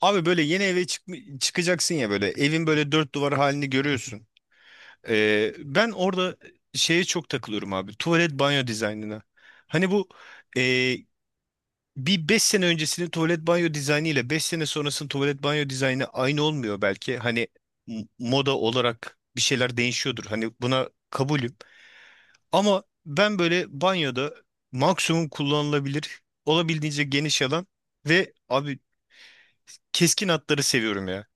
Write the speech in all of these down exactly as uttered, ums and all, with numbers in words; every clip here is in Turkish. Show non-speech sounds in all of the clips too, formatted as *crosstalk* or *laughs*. Abi böyle yeni eve çık çıkacaksın ya, böyle evin böyle dört duvar halini görüyorsun. Ee, ben orada şeye çok takılıyorum abi, tuvalet banyo dizaynına. Hani bu e, bir beş sene öncesinin tuvalet banyo dizaynı ile beş sene sonrasının tuvalet banyo dizaynı aynı olmuyor belki. Hani m- moda olarak bir şeyler değişiyordur. Hani buna kabulüm. Ama ben böyle banyoda maksimum kullanılabilir, olabildiğince geniş alan ve abi keskin hatları seviyorum ya.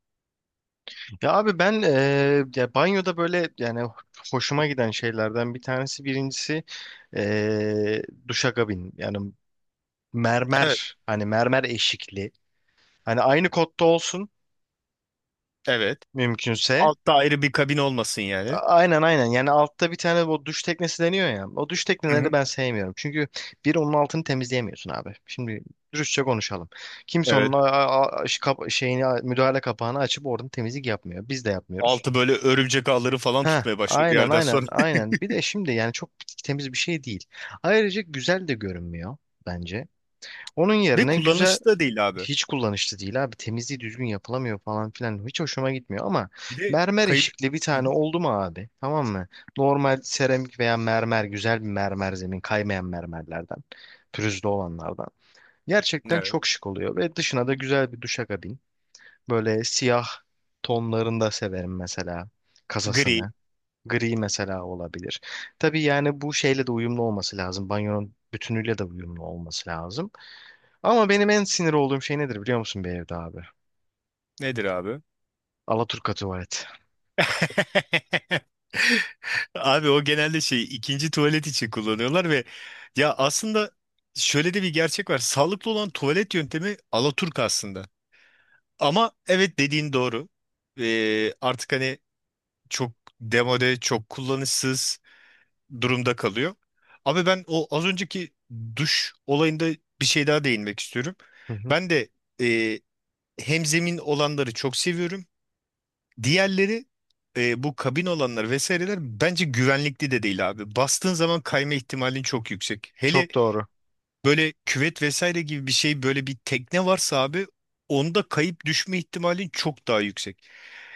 Ya abi ben eee, ya banyoda böyle yani hoşuma giden şeylerden bir tanesi birincisi eee duşakabin yani Evet. mermer hani mermer eşikli hani aynı kotta olsun Evet. mümkünse Altta ayrı bir kabin olmasın A- yani. aynen aynen yani altta bir tane bu duş teknesi deniyor ya o duş Hı tekneleri hı. ben sevmiyorum çünkü bir onun altını temizleyemiyorsun abi şimdi dürüstçe konuşalım kimse onun Evet. a- a- a- ş- kap- şeyini müdahale kapağını açıp oradan temizlik yapmıyor biz de yapmıyoruz. Altı böyle örümcek ağları falan Ha, tutmaya başlıyor bir aynen yerden aynen sonra. aynen. Bir de şimdi yani çok temiz bir şey değil. Ayrıca güzel de görünmüyor bence. Onun *laughs* Ve yerine güzel kullanışlı da değil abi. hiç kullanışlı değil abi. Temizliği düzgün yapılamıyor falan filan. Hiç hoşuma gitmiyor ama Bir de mermer kayıp. eşikli bir Hı tane hı. oldu mu abi? Tamam mı? Normal seramik veya mermer güzel bir mermer zemin kaymayan mermerlerden. Pürüzlü olanlardan. Gerçekten Evet. çok şık oluyor ve dışına da güzel bir duşakabin. Böyle siyah tonlarında severim mesela Gri. kasasını. Gri mesela olabilir. Tabii yani bu şeyle de uyumlu olması lazım. Banyonun bütünüyle de uyumlu olması lazım. Ama benim en sinir olduğum şey nedir biliyor musun bir evde abi? Nedir abi? Alaturka tuvalet. *laughs* Abi o genelde şey, ikinci tuvalet için kullanıyorlar ve ya aslında şöyle de bir gerçek var: sağlıklı olan tuvalet yöntemi alaturk aslında. Ama evet, dediğin doğru. Ee, artık hani çok demode, çok kullanışsız durumda kalıyor. Abi ben o az önceki duş olayında bir şey daha değinmek istiyorum. Hı hı. Ben de e, hemzemin olanları çok seviyorum. Diğerleri, e, bu kabin olanlar vesaireler bence güvenlikli de değil abi. Bastığın zaman kayma ihtimalin çok yüksek. Hele Çok doğru. böyle küvet vesaire gibi bir şey, böyle bir tekne varsa abi, onda kayıp düşme ihtimalin çok daha yüksek.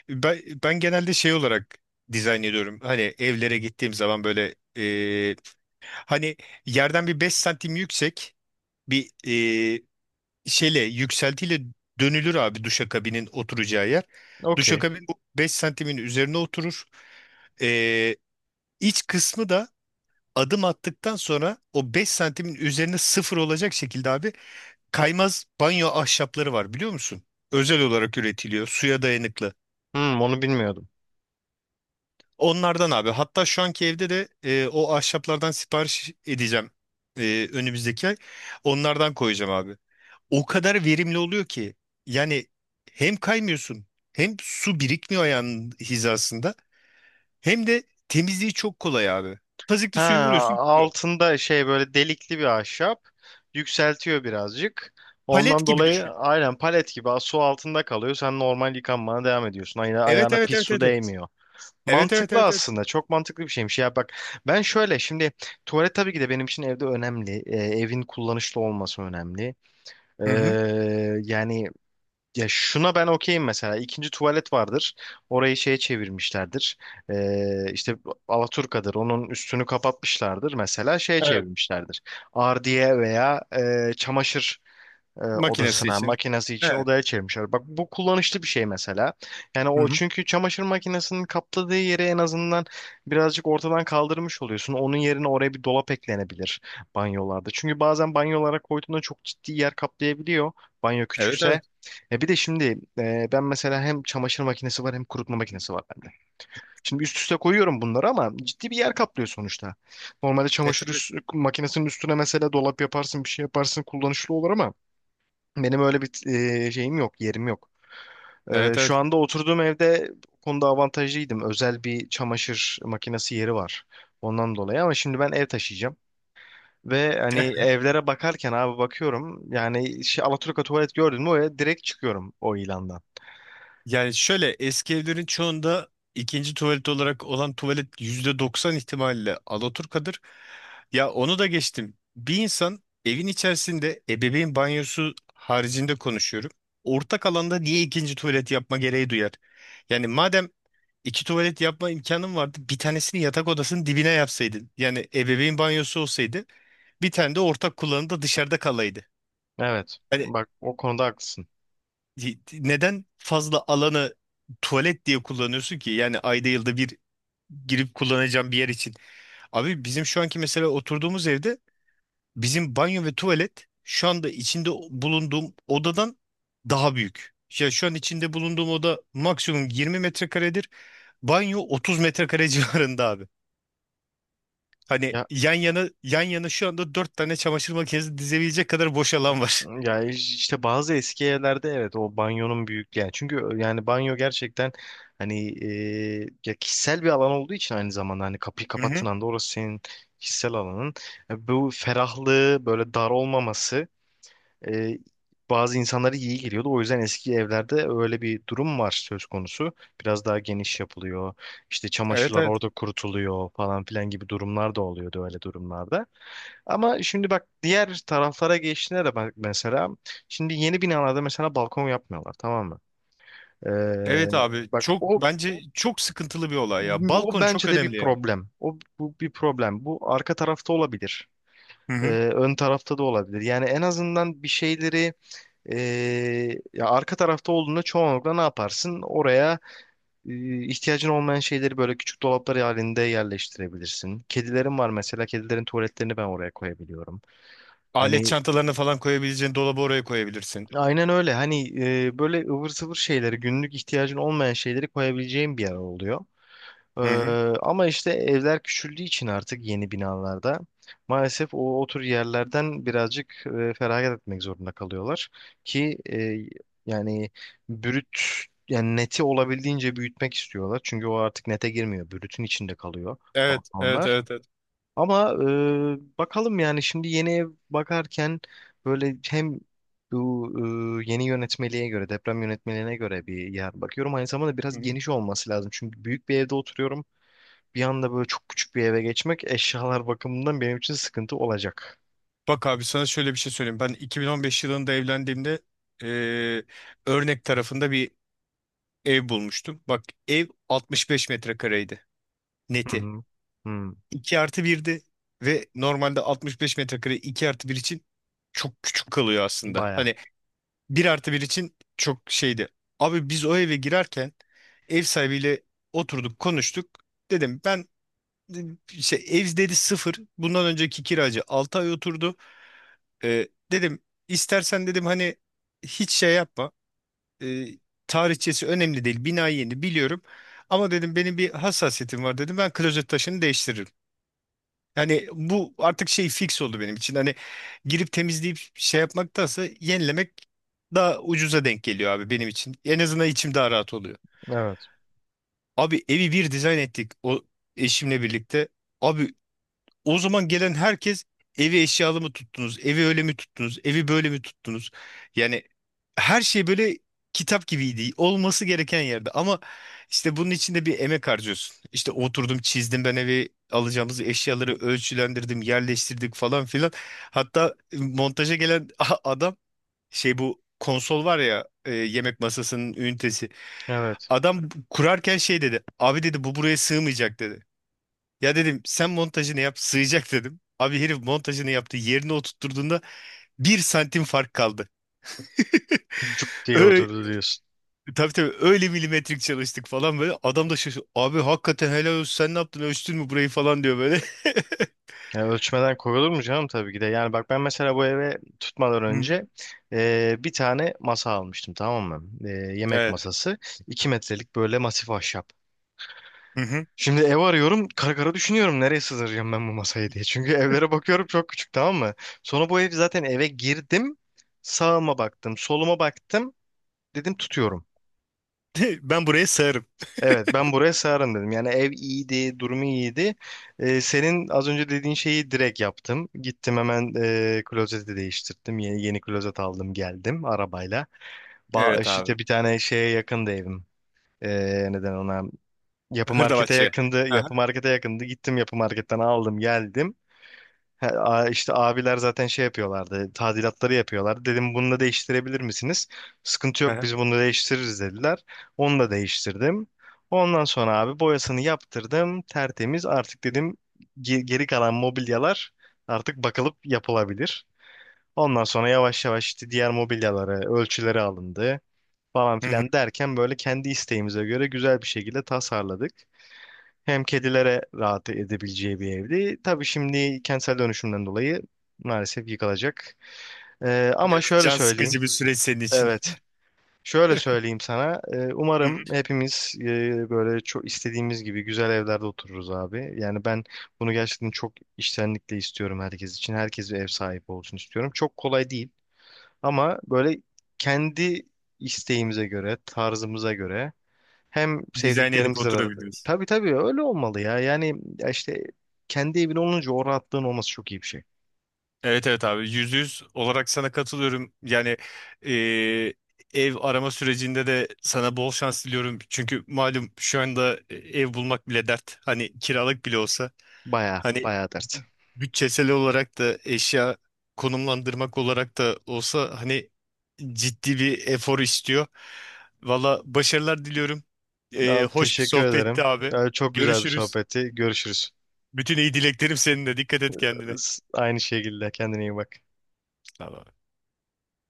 Ben, ben genelde şey olarak dizayn ediyorum. Hani evlere gittiğim zaman böyle e, hani yerden bir beş santim yüksek bir e, şeyle, yükseltiyle dönülür abi, duşakabinin oturacağı yer. Okey. Duşakabin bu beş santimin üzerine oturur. E, iç kısmı da adım attıktan sonra o beş santimin üzerine sıfır olacak şekilde abi, kaymaz banyo ahşapları var, biliyor musun? Özel olarak üretiliyor, suya dayanıklı. Hmm, onu bilmiyordum. Onlardan abi, hatta şu anki evde de e, o ahşaplardan sipariş edeceğim, e, önümüzdeki ay. Onlardan koyacağım abi. O kadar verimli oluyor ki yani hem kaymıyorsun, hem su birikmiyor ayağının hizasında, hem de temizliği çok kolay abi. Tazikli Ha, suyu vuruyorsun, gidiyor. altında şey böyle delikli bir ahşap. Yükseltiyor birazcık. Palet Ondan gibi dolayı düşün. aynen palet gibi su altında kalıyor. Sen normal yıkanmana devam ediyorsun. Ayağına, Evet, ayağına evet, pis evet, su evet. Evet, değmiyor. evet, evet, Mantıklı evet, evet. aslında. Çok mantıklı bir şeymiş. Ya bak ben şöyle şimdi tuvalet tabii ki de benim için evde önemli. Ee, evin kullanışlı olması önemli. Ee, Hı hı. yani ya şuna ben okeyim mesela. İkinci tuvalet vardır. Orayı şeye çevirmişlerdir. Ee, işte Alaturka'dır. Onun üstünü kapatmışlardır. Mesela şeye Evet. çevirmişlerdir. Ardiye veya e, çamaşır e, Makinesi evet. odasına için. makinesi için Evet. odaya çevirmişler. Bak bu kullanışlı bir şey mesela. Yani Hı o hı. çünkü çamaşır makinesinin kapladığı yeri en azından birazcık ortadan kaldırmış oluyorsun. Onun yerine oraya bir dolap eklenebilir banyolarda. Çünkü bazen banyolara koyduğunda çok ciddi yer kaplayabiliyor. Banyo Evet, evet. küçükse. E bir de şimdi e, ben mesela hem çamaşır makinesi var hem kurutma makinesi var bende. Şimdi üst üste koyuyorum bunları ama ciddi bir yer kaplıyor sonuçta. Normalde E çamaşır tabii. üst- makinesinin üstüne mesela dolap yaparsın bir şey yaparsın kullanışlı olur ama benim öyle bir e, şeyim yok, yerim yok. E, Evet, şu evet. anda oturduğum evde bu konuda avantajlıydım. Özel bir çamaşır makinesi yeri var. Ondan dolayı ama şimdi ben ev taşıyacağım. Ve hani evlere bakarken abi bakıyorum. Yani şey, Alaturka tuvalet gördün mü oraya direkt çıkıyorum o ilandan. Yani şöyle, eski evlerin çoğunda ikinci tuvalet olarak olan tuvalet yüzde doksan ihtimalle alaturkadır. Ya onu da geçtim. Bir insan, evin içerisinde ebeveyn banyosu haricinde konuşuyorum. Ortak alanda niye ikinci tuvalet yapma gereği duyar? Yani madem iki tuvalet yapma imkanın vardı, bir tanesini yatak odasının dibine yapsaydın. Yani ebeveyn banyosu olsaydı, bir tane de ortak kullanımda dışarıda kalaydı. Evet. Yani Bak o konuda haklısın. neden fazla alanı tuvalet diye kullanıyorsun ki? Yani ayda yılda bir girip kullanacağım bir yer için. Abi bizim şu anki mesela oturduğumuz evde bizim banyo ve tuvalet şu anda içinde bulunduğum odadan daha büyük. Ya şu an içinde bulunduğum oda maksimum yirmi metrekaredir. Banyo otuz metrekare *laughs* civarında abi. Hani yan yana yan yana şu anda dört tane çamaşır makinesi dizebilecek kadar boş alan var. Ya işte bazı eski evlerde evet o banyonun büyüklüğü yani çünkü yani banyo gerçekten hani e, ya kişisel bir alan olduğu için aynı zamanda hani kapıyı Hı kapattığın hı. anda orası senin kişisel alanın. E, bu ferahlığı böyle dar olmaması e, bazı insanlara iyi geliyordu. O yüzden eski evlerde öyle bir durum var söz konusu. Biraz daha geniş yapılıyor. İşte Evet, çamaşırlar evet. orada kurutuluyor falan filan gibi durumlar da oluyordu öyle durumlarda. Ama şimdi bak diğer taraflara geçtiğinde de bak mesela şimdi yeni binalarda mesela balkon yapmıyorlar, tamam mı? Evet Ee, abi, Bak çok, o bence çok sıkıntılı bir olay ya. o Balkon çok bence de bir önemli ya. problem. O bu bir problem. Bu arka tarafta olabilir. Hı Ee, hı. Ön tarafta da olabilir. Yani en azından bir şeyleri ee, ya arka tarafta olduğunda çoğunlukla ne yaparsın? Oraya e, ihtiyacın olmayan şeyleri böyle küçük dolaplar halinde yerleştirebilirsin. Kedilerim var mesela. Kedilerin tuvaletlerini ben oraya koyabiliyorum. Alet Hani çantalarını falan koyabileceğin dolabı oraya koyabilirsin. aynen öyle. Hani e, böyle ıvır zıvır şeyleri, günlük ihtiyacın olmayan şeyleri koyabileceğim bir yer oluyor. Ee, Hı hı. Ama işte evler küçüldüğü için artık yeni binalarda maalesef o, o tür yerlerden birazcık e, feragat etmek zorunda kalıyorlar ki e, yani brüt yani neti olabildiğince büyütmek istiyorlar. Çünkü o artık nete girmiyor. Brütün içinde kalıyor Evet, evet, balkonlar. evet, evet. Ama e, bakalım yani şimdi yeni ev bakarken böyle hem bu e, yeni yönetmeliğe göre, deprem yönetmeliğine göre bir yer bakıyorum. Aynı zamanda Hı biraz hı. geniş olması lazım. Çünkü büyük bir evde oturuyorum, bir anda böyle çok küçük bir eve geçmek eşyalar bakımından benim için sıkıntı olacak. Bak abi, sana şöyle bir şey söyleyeyim. Ben iki bin on beş yılında evlendiğimde eee, örnek tarafında bir ev bulmuştum. Bak ev altmış beş metrekareydi, Hı neti. hı. Hı. iki artı birdi ve normalde altmış beş metrekare iki artı bir için çok küçük kalıyor aslında. Baya. Hani bir artı bir için çok şeydi. Abi biz o eve girerken ev sahibiyle oturduk, konuştuk. Dedim ben, işte ev dedi sıfır, bundan önceki kiracı altı ay oturdu. Ee, dedim istersen dedim hani hiç şey yapma. Ee, Tarihçesi önemli değil, bina yeni, biliyorum. Ama dedim benim bir hassasiyetim var dedim, ben klozet taşını değiştiririm. Yani bu artık şey, fix oldu benim için. Hani girip temizleyip şey yapmaktansa yenilemek daha ucuza denk geliyor abi benim için. En azından içim daha rahat oluyor. Evet. Abi evi bir dizayn ettik o, eşimle birlikte. Abi o zaman gelen herkes, evi eşyalı mı tuttunuz, evi öyle mi tuttunuz, evi böyle mi tuttunuz? Yani her şey böyle kitap gibiydi, olması gereken yerde. Ama işte bunun içinde bir emek harcıyorsun. İşte oturdum, çizdim, ben evi, alacağımız eşyaları ölçülendirdim, yerleştirdik falan filan. Hatta montaja gelen *laughs* adam, şey, bu konsol var ya, e, yemek masasının ünitesi. Evet. Adam kurarken şey dedi, abi dedi bu buraya sığmayacak dedi. Ya dedim sen montajını yap, sığacak dedim. Abi herif montajını yaptı, yerine oturtturduğunda bir santim fark kaldı. Cuk diye Öyle, oturdu diyorsun. tabii tabii, öyle milimetrik çalıştık falan böyle. Adam da şaşırdı, abi hakikaten helal olsun, sen ne yaptın, ölçtün mü burayı falan diyor böyle. *laughs* Ya ölçmeden koyulur mu canım, tabii ki de. Yani bak ben mesela bu eve tutmadan Hı hı. önce e, bir tane masa almıştım, tamam mı? E, yemek Evet. masası. iki metrelik böyle masif ahşap. Hı hı. Şimdi ev arıyorum, kara kara düşünüyorum nereye sığdıracağım ben bu masayı diye. Çünkü evlere bakıyorum çok küçük, tamam mı? Sonra bu ev zaten, eve girdim. Sağıma baktım, soluma baktım. Dedim tutuyorum. *laughs* Ben buraya sığarım. Evet, ben buraya sığarım dedim. Yani ev iyiydi, durumu iyiydi. Ee, senin az önce dediğin şeyi direkt yaptım. Gittim hemen e, klozeti değiştirdim. Yeni, yeni klozet aldım geldim arabayla. Ba Evet abi. işte bir tane şeye yakındı evim. Ee, neden ona? Yapı markete Hırdavatçıya. yakındı. Aha, Yapı markete yakındı. Gittim yapı marketten aldım geldim. He, a- işte abiler zaten şey yapıyorlardı. Tadilatları yapıyorlardı. Dedim bunu da değiştirebilir misiniz? Sıkıntı yok, aha. biz bunu değiştiririz dediler. Onu da değiştirdim. Ondan sonra abi boyasını yaptırdım. Tertemiz artık, dedim ge- geri kalan mobilyalar artık bakılıp yapılabilir. Ondan sonra yavaş yavaş işte diğer mobilyalara ölçüleri alındı falan Hı hı. filan derken böyle kendi isteğimize göre güzel bir şekilde tasarladık. Hem kedilere rahat edebileceği bir evdi. Tabii şimdi kentsel dönüşümden dolayı maalesef yıkılacak. Ee, ama Biraz şöyle can söyleyeyim. sıkıcı bir süreç senin için. Evet. Şöyle söyleyeyim sana. Ee, Hı umarım hı. hepimiz e, böyle çok istediğimiz gibi güzel evlerde otururuz abi. Yani ben bunu gerçekten çok içtenlikle istiyorum herkes için. Herkes bir ev sahibi olsun istiyorum. Çok kolay değil. Ama böyle kendi isteğimize göre, tarzımıza göre hem Dizayn edip sevdiklerimizle arada. oturabiliriz. Tabii tabii öyle olmalı ya. Yani ya işte kendi evin olunca o rahatlığın olması çok iyi bir şey. Evet, evet abi, yüzde yüz olarak sana katılıyorum. Yani e, ev arama sürecinde de sana bol şans diliyorum. Çünkü malum şu anda e, ev bulmak bile dert, hani kiralık bile olsa. Baya Hani baya dert. bütçesel olarak da, eşya konumlandırmak olarak da olsa, hani ciddi bir efor istiyor. Valla başarılar diliyorum. E, Abi hoş bir teşekkür ederim. sohbetti abi. Abi çok güzel bir Görüşürüz. sohbetti. Görüşürüz. Bütün iyi dileklerim seninle. Dikkat et kendine. S- Aynı şekilde kendine iyi bak. Tamam.